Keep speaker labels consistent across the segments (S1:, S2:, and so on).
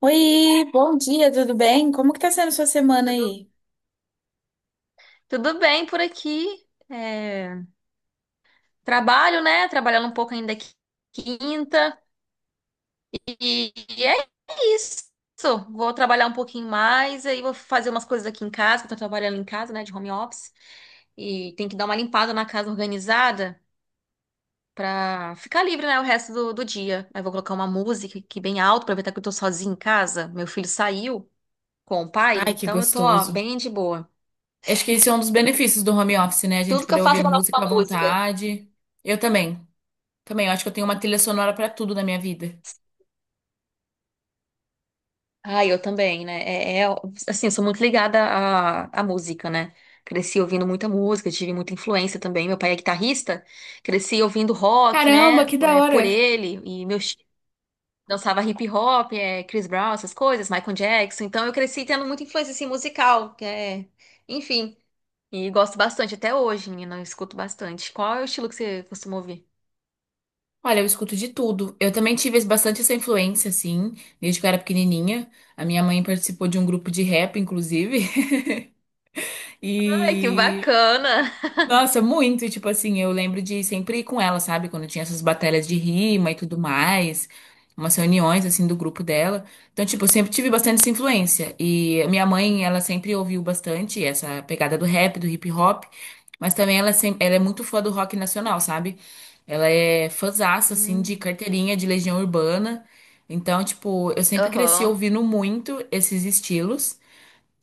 S1: Oi, bom dia, tudo bem? Como que tá sendo sua semana
S2: Tudo,
S1: aí?
S2: tudo bem por aqui. Trabalho, né? Trabalhando um pouco ainda quinta. E é isso. Vou trabalhar um pouquinho mais, aí vou fazer umas coisas aqui em casa, que eu tô trabalhando em casa, né? De home office. E tem que dar uma limpada na casa organizada pra ficar livre, né? O resto do dia. Aí vou colocar uma música aqui bem alto, aproveitar que eu tô sozinha em casa. Meu filho saiu com o pai,
S1: Ai, que
S2: então eu tô, ó,
S1: gostoso.
S2: bem de boa.
S1: Acho que esse é um dos benefícios do home office, né? A gente
S2: Tudo que eu
S1: poder ouvir
S2: faço é colocar
S1: música à
S2: uma música.
S1: vontade. Eu também. Também, eu acho que eu tenho uma trilha sonora pra tudo na minha vida.
S2: Ah, eu também, né? Assim, eu sou muito ligada à música, né? Cresci ouvindo muita música, tive muita influência também. Meu pai é guitarrista, cresci ouvindo rock,
S1: Caramba,
S2: né?
S1: que da
S2: É,
S1: hora!
S2: por ele, e meu tio dançava hip hop, é, Chris Brown, essas coisas, Michael Jackson. Então eu cresci tendo muita influência assim, musical, que é, enfim. E gosto bastante até hoje, menina, eu escuto bastante. Qual é o estilo que você costuma ouvir?
S1: Olha, eu escuto de tudo. Eu também tive bastante essa influência, assim, desde que eu era pequenininha. A minha mãe participou de um grupo de rap, inclusive.
S2: Ai, que
S1: E
S2: bacana!
S1: Nossa, muito. Tipo assim, eu lembro de sempre ir com ela, sabe? Quando tinha essas batalhas de rima e tudo mais, umas reuniões, assim, do grupo dela. Então, tipo, eu sempre tive bastante essa influência. E minha mãe, ela sempre ouviu bastante essa pegada do rap, do hip hop. Mas também ela, sempre, ela é muito fã do rock nacional, sabe? Ela é fãzaça, assim, de
S2: Hum.
S1: carteirinha, de Legião Urbana. Então, tipo, eu sempre cresci
S2: Aham.
S1: ouvindo muito esses estilos.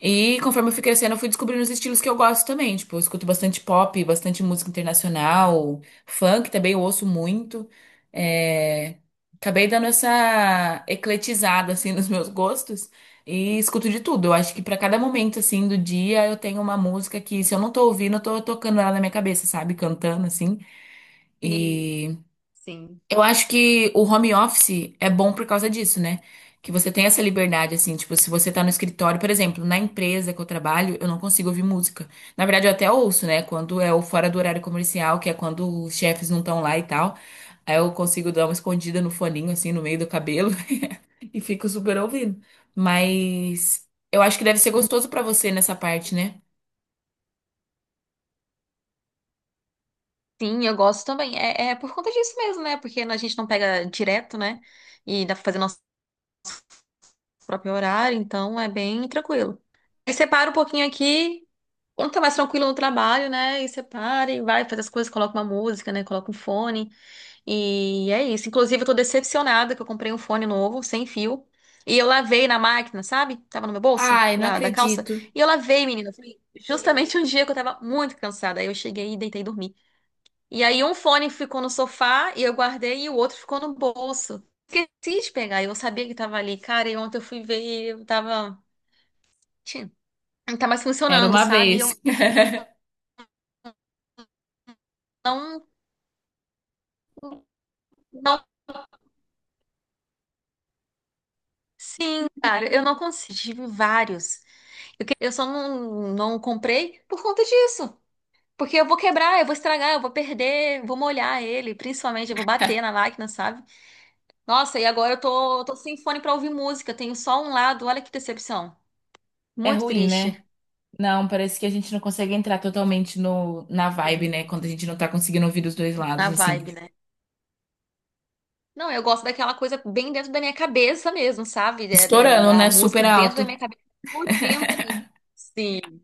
S1: E conforme eu fui crescendo, eu fui descobrindo os estilos que eu gosto também. Tipo, eu escuto bastante pop, bastante música internacional, funk também eu ouço muito. É, Acabei dando essa ecletizada, assim, nos meus gostos e escuto de tudo. Eu acho que pra cada momento, assim, do dia, eu tenho uma música que, se eu não tô ouvindo, eu tô tocando ela na minha cabeça, sabe? Cantando, assim.
S2: Sim,
S1: E
S2: sim.
S1: eu acho que o home office é bom por causa disso, né? Que você tem essa liberdade, assim, tipo, se você tá no escritório, por exemplo, na empresa que eu trabalho, eu não consigo ouvir música. Na verdade, eu até ouço, né? Quando é o fora do horário comercial, que é quando os chefes não estão lá e tal. Aí eu consigo dar uma escondida no foninho, assim, no meio do cabelo e fico super ouvindo. Mas eu acho que deve ser gostoso pra você nessa parte, né?
S2: Sim, eu gosto também. É, é por conta disso mesmo, né? Porque a gente não pega direto, né? E dá pra fazer nosso próprio horário, então é bem tranquilo. Aí separa um pouquinho aqui, quando tá mais tranquilo no trabalho, né? E separa e vai faz as coisas, coloca uma música, né? Coloca um fone. E é isso. Inclusive, eu tô decepcionada que eu comprei um fone novo, sem fio. E eu lavei na máquina, sabe? Tava no meu bolso,
S1: Ai, não
S2: da calça.
S1: acredito.
S2: E eu lavei, menina. Foi justamente um dia que eu tava muito cansada. Aí eu cheguei e deitei e dormi. E aí um fone ficou no sofá e eu guardei e o outro ficou no bolso. Esqueci de pegar, eu sabia que tava ali. Cara, e ontem eu fui ver e eu tava. Tchim, não tá mais
S1: Era
S2: funcionando,
S1: uma
S2: sabe? E Eu
S1: vez.
S2: não, não. Sim, cara, eu não consegui. Tive vários. Eu, eu só não, não comprei por conta disso. Porque eu vou quebrar, eu vou estragar, eu vou perder, vou molhar ele, principalmente, eu vou bater na máquina, sabe? Nossa, e agora eu tô sem fone pra ouvir música, eu tenho só um lado, olha que decepção.
S1: É
S2: Muito
S1: ruim, né?
S2: triste.
S1: Não, parece que a gente não consegue entrar totalmente no, na vibe, né?
S2: Sim.
S1: Quando a gente não tá conseguindo ouvir dos dois lados,
S2: Na
S1: assim.
S2: vibe, né? Não, eu gosto daquela coisa bem dentro da minha cabeça mesmo, sabe?
S1: Estourando,
S2: Da
S1: né? Super
S2: música dentro da
S1: alto.
S2: minha cabeça, explodindo ali. Sim,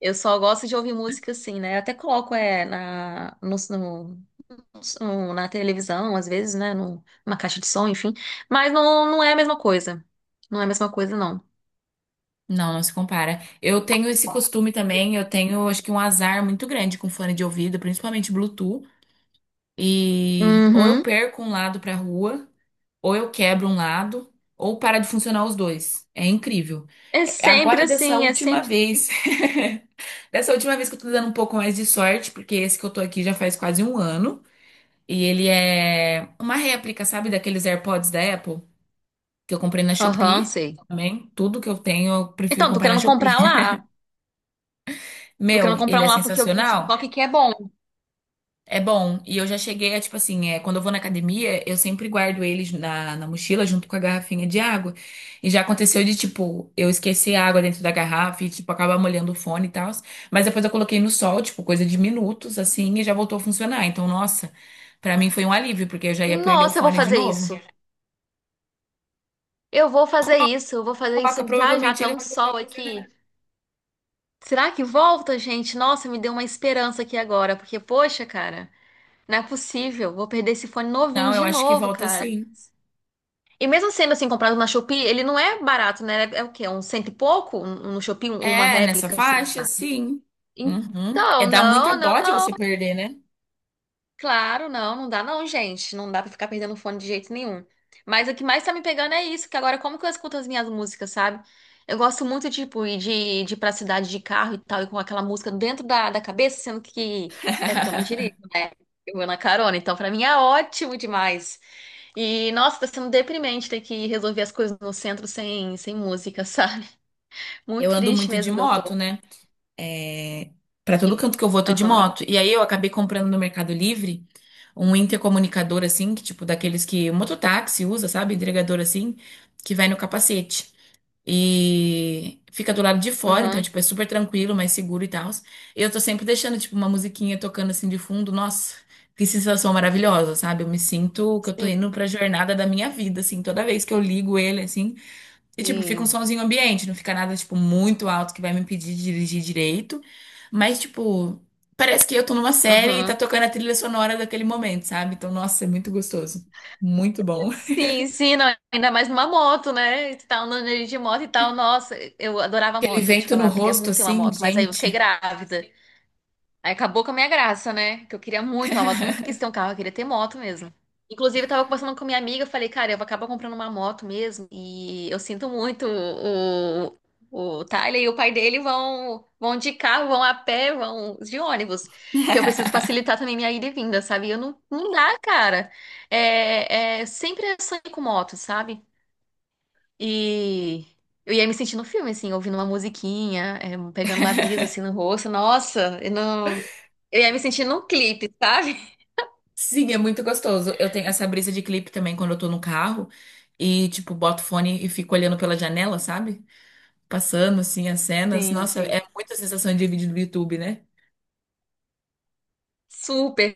S2: eu só gosto de ouvir música assim, né? Eu até coloco na televisão, às vezes, né? Numa caixa de som, enfim. Mas não, não é a mesma coisa. Não é a mesma coisa, não.
S1: Não, não se compara. Eu tenho esse costume também, eu tenho, acho que um azar muito grande com fone de ouvido, principalmente Bluetooth. E ou eu
S2: Uhum.
S1: perco um lado pra rua, ou eu quebro um lado, ou para de funcionar os dois. É incrível.
S2: É sempre
S1: Agora, dessa
S2: assim, é
S1: última
S2: sempre
S1: vez,
S2: assim.
S1: dessa última vez que eu tô dando um pouco mais de sorte, porque esse que eu tô aqui já faz quase um ano. E ele é uma réplica, sabe, daqueles AirPods da Apple, que eu comprei na
S2: Aham,
S1: Shopee
S2: sei.
S1: também. Tudo que eu tenho, eu prefiro
S2: Então, tô
S1: comprar na
S2: querendo
S1: Shopee.
S2: comprar lá. Tô
S1: Meu,
S2: querendo comprar
S1: ele
S2: um
S1: é
S2: lá porque eu vi no TikTok
S1: sensacional.
S2: que é bom.
S1: É bom. E eu já cheguei a, tipo assim, quando eu vou na academia, eu sempre guardo eles na mochila junto com a garrafinha de água. E já aconteceu de, tipo, eu esquecer a água dentro da garrafa e, tipo, acabar molhando o fone e tal. Mas depois eu coloquei no sol, tipo, coisa de minutos, assim, e já voltou a funcionar. Então, nossa, pra mim foi um alívio, porque eu já ia perder o
S2: Nossa, eu vou
S1: fone de
S2: fazer
S1: novo.
S2: isso. Eu vou fazer isso, eu vou fazer isso
S1: Coloca,
S2: já já,
S1: provavelmente
S2: tá
S1: ele
S2: um
S1: vai voltar a
S2: sol aqui.
S1: funcionar.
S2: Será que volta, gente? Nossa, me deu uma esperança aqui agora, porque, poxa, cara, não é possível. Vou perder esse fone novinho
S1: Não, eu
S2: de
S1: acho que
S2: novo,
S1: volta
S2: cara.
S1: sim.
S2: E mesmo sendo assim, comprado na Shopee, ele não é barato, né? É o quê? Um cento e pouco? No Shopee, uma
S1: É, nessa
S2: réplica, assim.
S1: faixa, sim. Uhum. É,
S2: Então,
S1: dá muita
S2: não, não.
S1: dó de você perder, né?
S2: Claro, não, não dá não, gente. Não dá pra ficar perdendo fone de jeito nenhum. Mas o que mais tá me pegando é isso, que agora como que eu escuto as minhas músicas, sabe? Eu gosto muito, tipo, ir de ir pra cidade de carro e tal, e com aquela música dentro da cabeça, sendo que é porque eu não dirijo, né? Eu vou na carona, então pra mim é ótimo demais. E, nossa, tá sendo deprimente ter que resolver as coisas no centro sem, sem música, sabe?
S1: Eu
S2: Muito
S1: ando
S2: triste
S1: muito de
S2: mesmo que eu
S1: moto,
S2: tô.
S1: né? É, para todo
S2: E-
S1: canto que eu vou, eu tô de
S2: Aham,
S1: moto. E aí eu acabei comprando no Mercado Livre um intercomunicador assim, que tipo daqueles que o mototáxi usa, sabe? Entregador assim, que vai no capacete. E fica do lado de fora, então,
S2: aham,
S1: tipo, é super tranquilo, mais seguro e tal. Eu tô sempre deixando, tipo, uma musiquinha tocando assim de fundo. Nossa, que sensação maravilhosa, sabe? Eu me sinto que eu tô
S2: sim,
S1: indo pra jornada da minha vida, assim, toda vez que eu ligo ele, assim. E, tipo, fica um
S2: sim,
S1: sonzinho ambiente, não fica nada, tipo, muito alto que vai me impedir de dirigir direito. Mas, tipo, parece que eu tô numa série e tá
S2: aham.
S1: tocando a trilha sonora daquele momento, sabe? Então, nossa, é muito gostoso. Muito bom.
S2: Sim, sim, não, ainda mais numa moto, né? E Tu tá andando de moto e tal. Nossa, eu adorava
S1: Aquele
S2: moto, vou te
S1: vento no
S2: falar. Eu queria
S1: rosto,
S2: muito ter uma
S1: assim,
S2: moto, mas aí eu fiquei
S1: gente.
S2: grávida. Aí acabou com a minha graça, né? Que eu queria muito uma moto. Eu nunca quis ter um carro, eu queria ter moto mesmo. Inclusive, eu tava conversando com minha amiga, eu falei, cara, eu vou acabar comprando uma moto mesmo. E eu sinto muito o Tyler e o pai dele vão de carro, vão a pé, vão de ônibus. Que eu preciso facilitar também minha ida e vinda, sabe? E Eu não, não dá, cara. Sempre é sonho com moto, sabe? E eu ia me sentindo no filme, assim, ouvindo uma musiquinha, é, pegando uma brisa assim no rosto. Nossa, eu não. Eu ia me sentir num clipe, sabe?
S1: Sim, é muito gostoso. Eu tenho essa brisa de clipe também quando eu tô no carro e, tipo, boto o fone e fico olhando pela janela, sabe? Passando, assim, as cenas.
S2: Sim,
S1: Nossa,
S2: sim.
S1: é muita sensação de vídeo do YouTube, né?
S2: Super,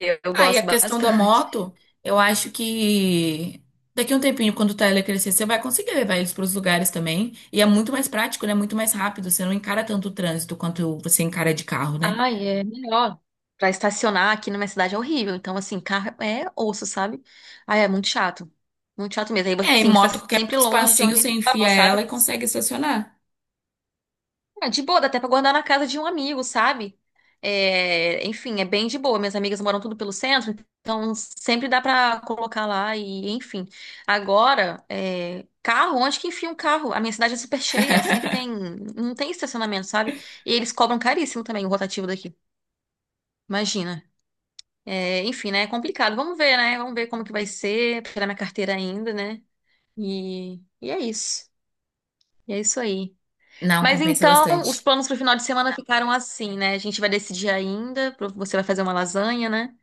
S2: eu
S1: Ah, e a
S2: gosto
S1: questão da
S2: bastante.
S1: moto, eu acho que daqui a um tempinho, quando o Tyler crescer, você vai conseguir levar eles para os lugares também. E é muito mais prático, né? Muito mais rápido. Você não encara tanto o trânsito quanto você encara de carro, né?
S2: Ai, é melhor. Pra estacionar aqui na minha cidade é horrível. Então, assim, carro é osso, sabe? Ai, é muito chato. Muito chato mesmo. Aí você
S1: É, e
S2: tem que estar
S1: moto, qualquer
S2: sempre longe de
S1: espacinho,
S2: onde
S1: você
S2: você
S1: enfia
S2: parou,
S1: ela
S2: sabe?
S1: e consegue estacionar.
S2: Ah, de boa, dá até pra guardar na casa de um amigo, sabe? É, enfim, é bem de boa. Minhas amigas moram tudo pelo centro, então sempre dá pra colocar lá e, enfim. Agora, é, carro, onde que enfia um carro? A minha cidade é super cheia, sempre tem, não tem estacionamento, sabe? E eles cobram caríssimo também o rotativo daqui. Imagina. É, enfim, né? É complicado. Vamos ver, né? Vamos ver como que vai ser, tirar minha carteira ainda, né? E, e é isso. E é isso aí.
S1: Não,
S2: Mas
S1: compensa
S2: então, os
S1: bastante.
S2: planos para o final de semana ficaram assim, né? A gente vai decidir ainda. Você vai fazer uma lasanha, né?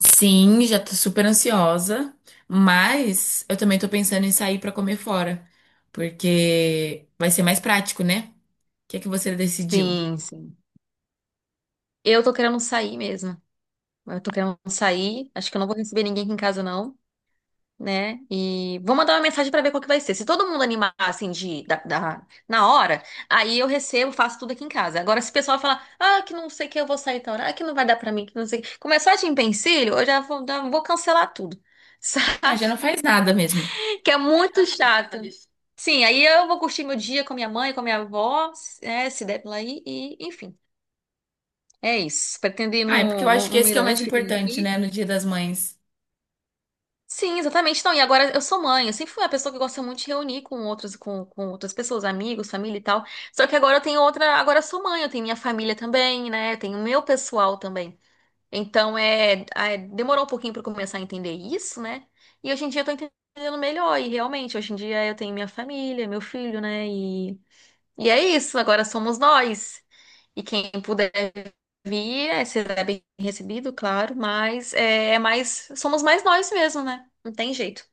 S1: Sim, já tô super ansiosa, mas eu também tô pensando em sair pra comer fora, porque vai ser mais prático, né? O que é que você decidiu?
S2: Sim, sim. Eu tô querendo sair mesmo. Eu tô querendo sair. Acho que eu não vou receber ninguém aqui em casa, não, né? E vou mandar uma mensagem para ver qual que vai ser. Se todo mundo animar, assim, na hora, aí eu recebo, faço tudo aqui em casa. Agora, se o pessoal falar, ah, que não sei o que eu vou sair tal hora, ah, que não vai dar para mim, que não sei o que, começar de empecilho, eu já vou cancelar tudo, sabe?
S1: Ah, já não faz nada mesmo.
S2: Que é muito chato. Sim, aí eu vou curtir meu dia com a minha mãe, com a minha avó, é, se der pela aí, e enfim. É isso. Pretendo ir
S1: Ah, é porque eu acho que
S2: num
S1: esse que é o mais
S2: mirante que tem
S1: importante, né,
S2: aqui.
S1: no Dia das Mães.
S2: Sim, exatamente. Então, e agora eu sou mãe. Eu sempre fui uma pessoa que gosta muito de reunir com outros, com outras pessoas, amigos, família e tal. Só que agora eu tenho outra. Agora eu sou mãe, eu tenho minha família também, né? Eu tenho meu pessoal também. Então, demorou um pouquinho para começar a entender isso, né? E hoje em dia eu tô entendendo melhor. E realmente, hoje em dia eu tenho minha família, meu filho, né? E é isso, agora somos nós. E quem puder vir, é, será bem recebido, claro, mas é, é mais, somos mais nós mesmo, né? Não tem jeito.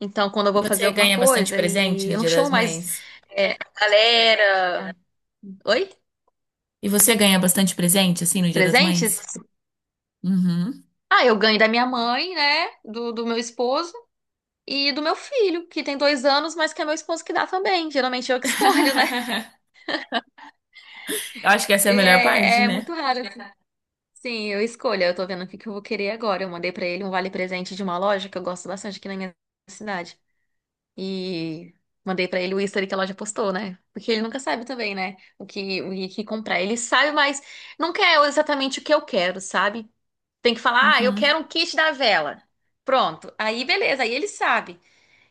S2: Então, quando eu
S1: E
S2: vou fazer
S1: você
S2: alguma
S1: ganha bastante
S2: coisa
S1: presente
S2: e
S1: no
S2: eu não
S1: Dia
S2: chamo
S1: das
S2: mais
S1: Mães?
S2: é, a galera. Oi?
S1: E você ganha bastante presente, assim, no Dia das
S2: Presentes?
S1: Mães? Uhum.
S2: Ah, eu ganho da minha mãe, né? Do meu esposo. E do meu filho, que tem dois anos, mas que é meu esposo que dá também. Geralmente eu que escolho, né?
S1: Eu acho que essa é a melhor parte,
S2: É, é
S1: né?
S2: muito raro, assim. Sim, eu escolho. Eu tô vendo o que que eu vou querer agora. Eu mandei pra ele um vale-presente de uma loja que eu gosto bastante aqui na minha cidade. E mandei pra ele o history que a loja postou, né? Porque ele nunca sabe também, né? O que comprar. Ele sabe, mas não quer exatamente o que eu quero, sabe? Tem que falar, ah, eu
S1: Uhum.
S2: quero um kit da vela. Pronto. Aí, beleza. Aí ele sabe.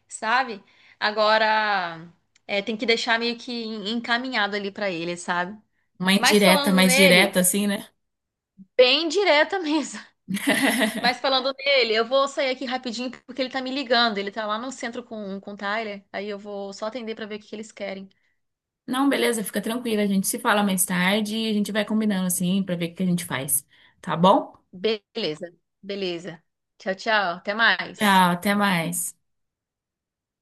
S2: Sabe? Agora, é, tem que deixar meio que encaminhado ali pra ele, sabe?
S1: Uma
S2: Mas
S1: indireta
S2: falando
S1: mais direta,
S2: nele,
S1: assim, né?
S2: bem direta mesmo. Mas falando nele, eu vou sair aqui rapidinho porque ele tá me ligando. Ele tá lá no centro com o Tyler. Aí eu vou só atender pra ver o que que eles querem.
S1: Não, beleza, fica tranquila. A gente se fala mais tarde e a gente vai combinando assim pra ver o que a gente faz. Tá bom?
S2: Beleza, beleza. Tchau, tchau. Até mais.
S1: Tchau, até mais.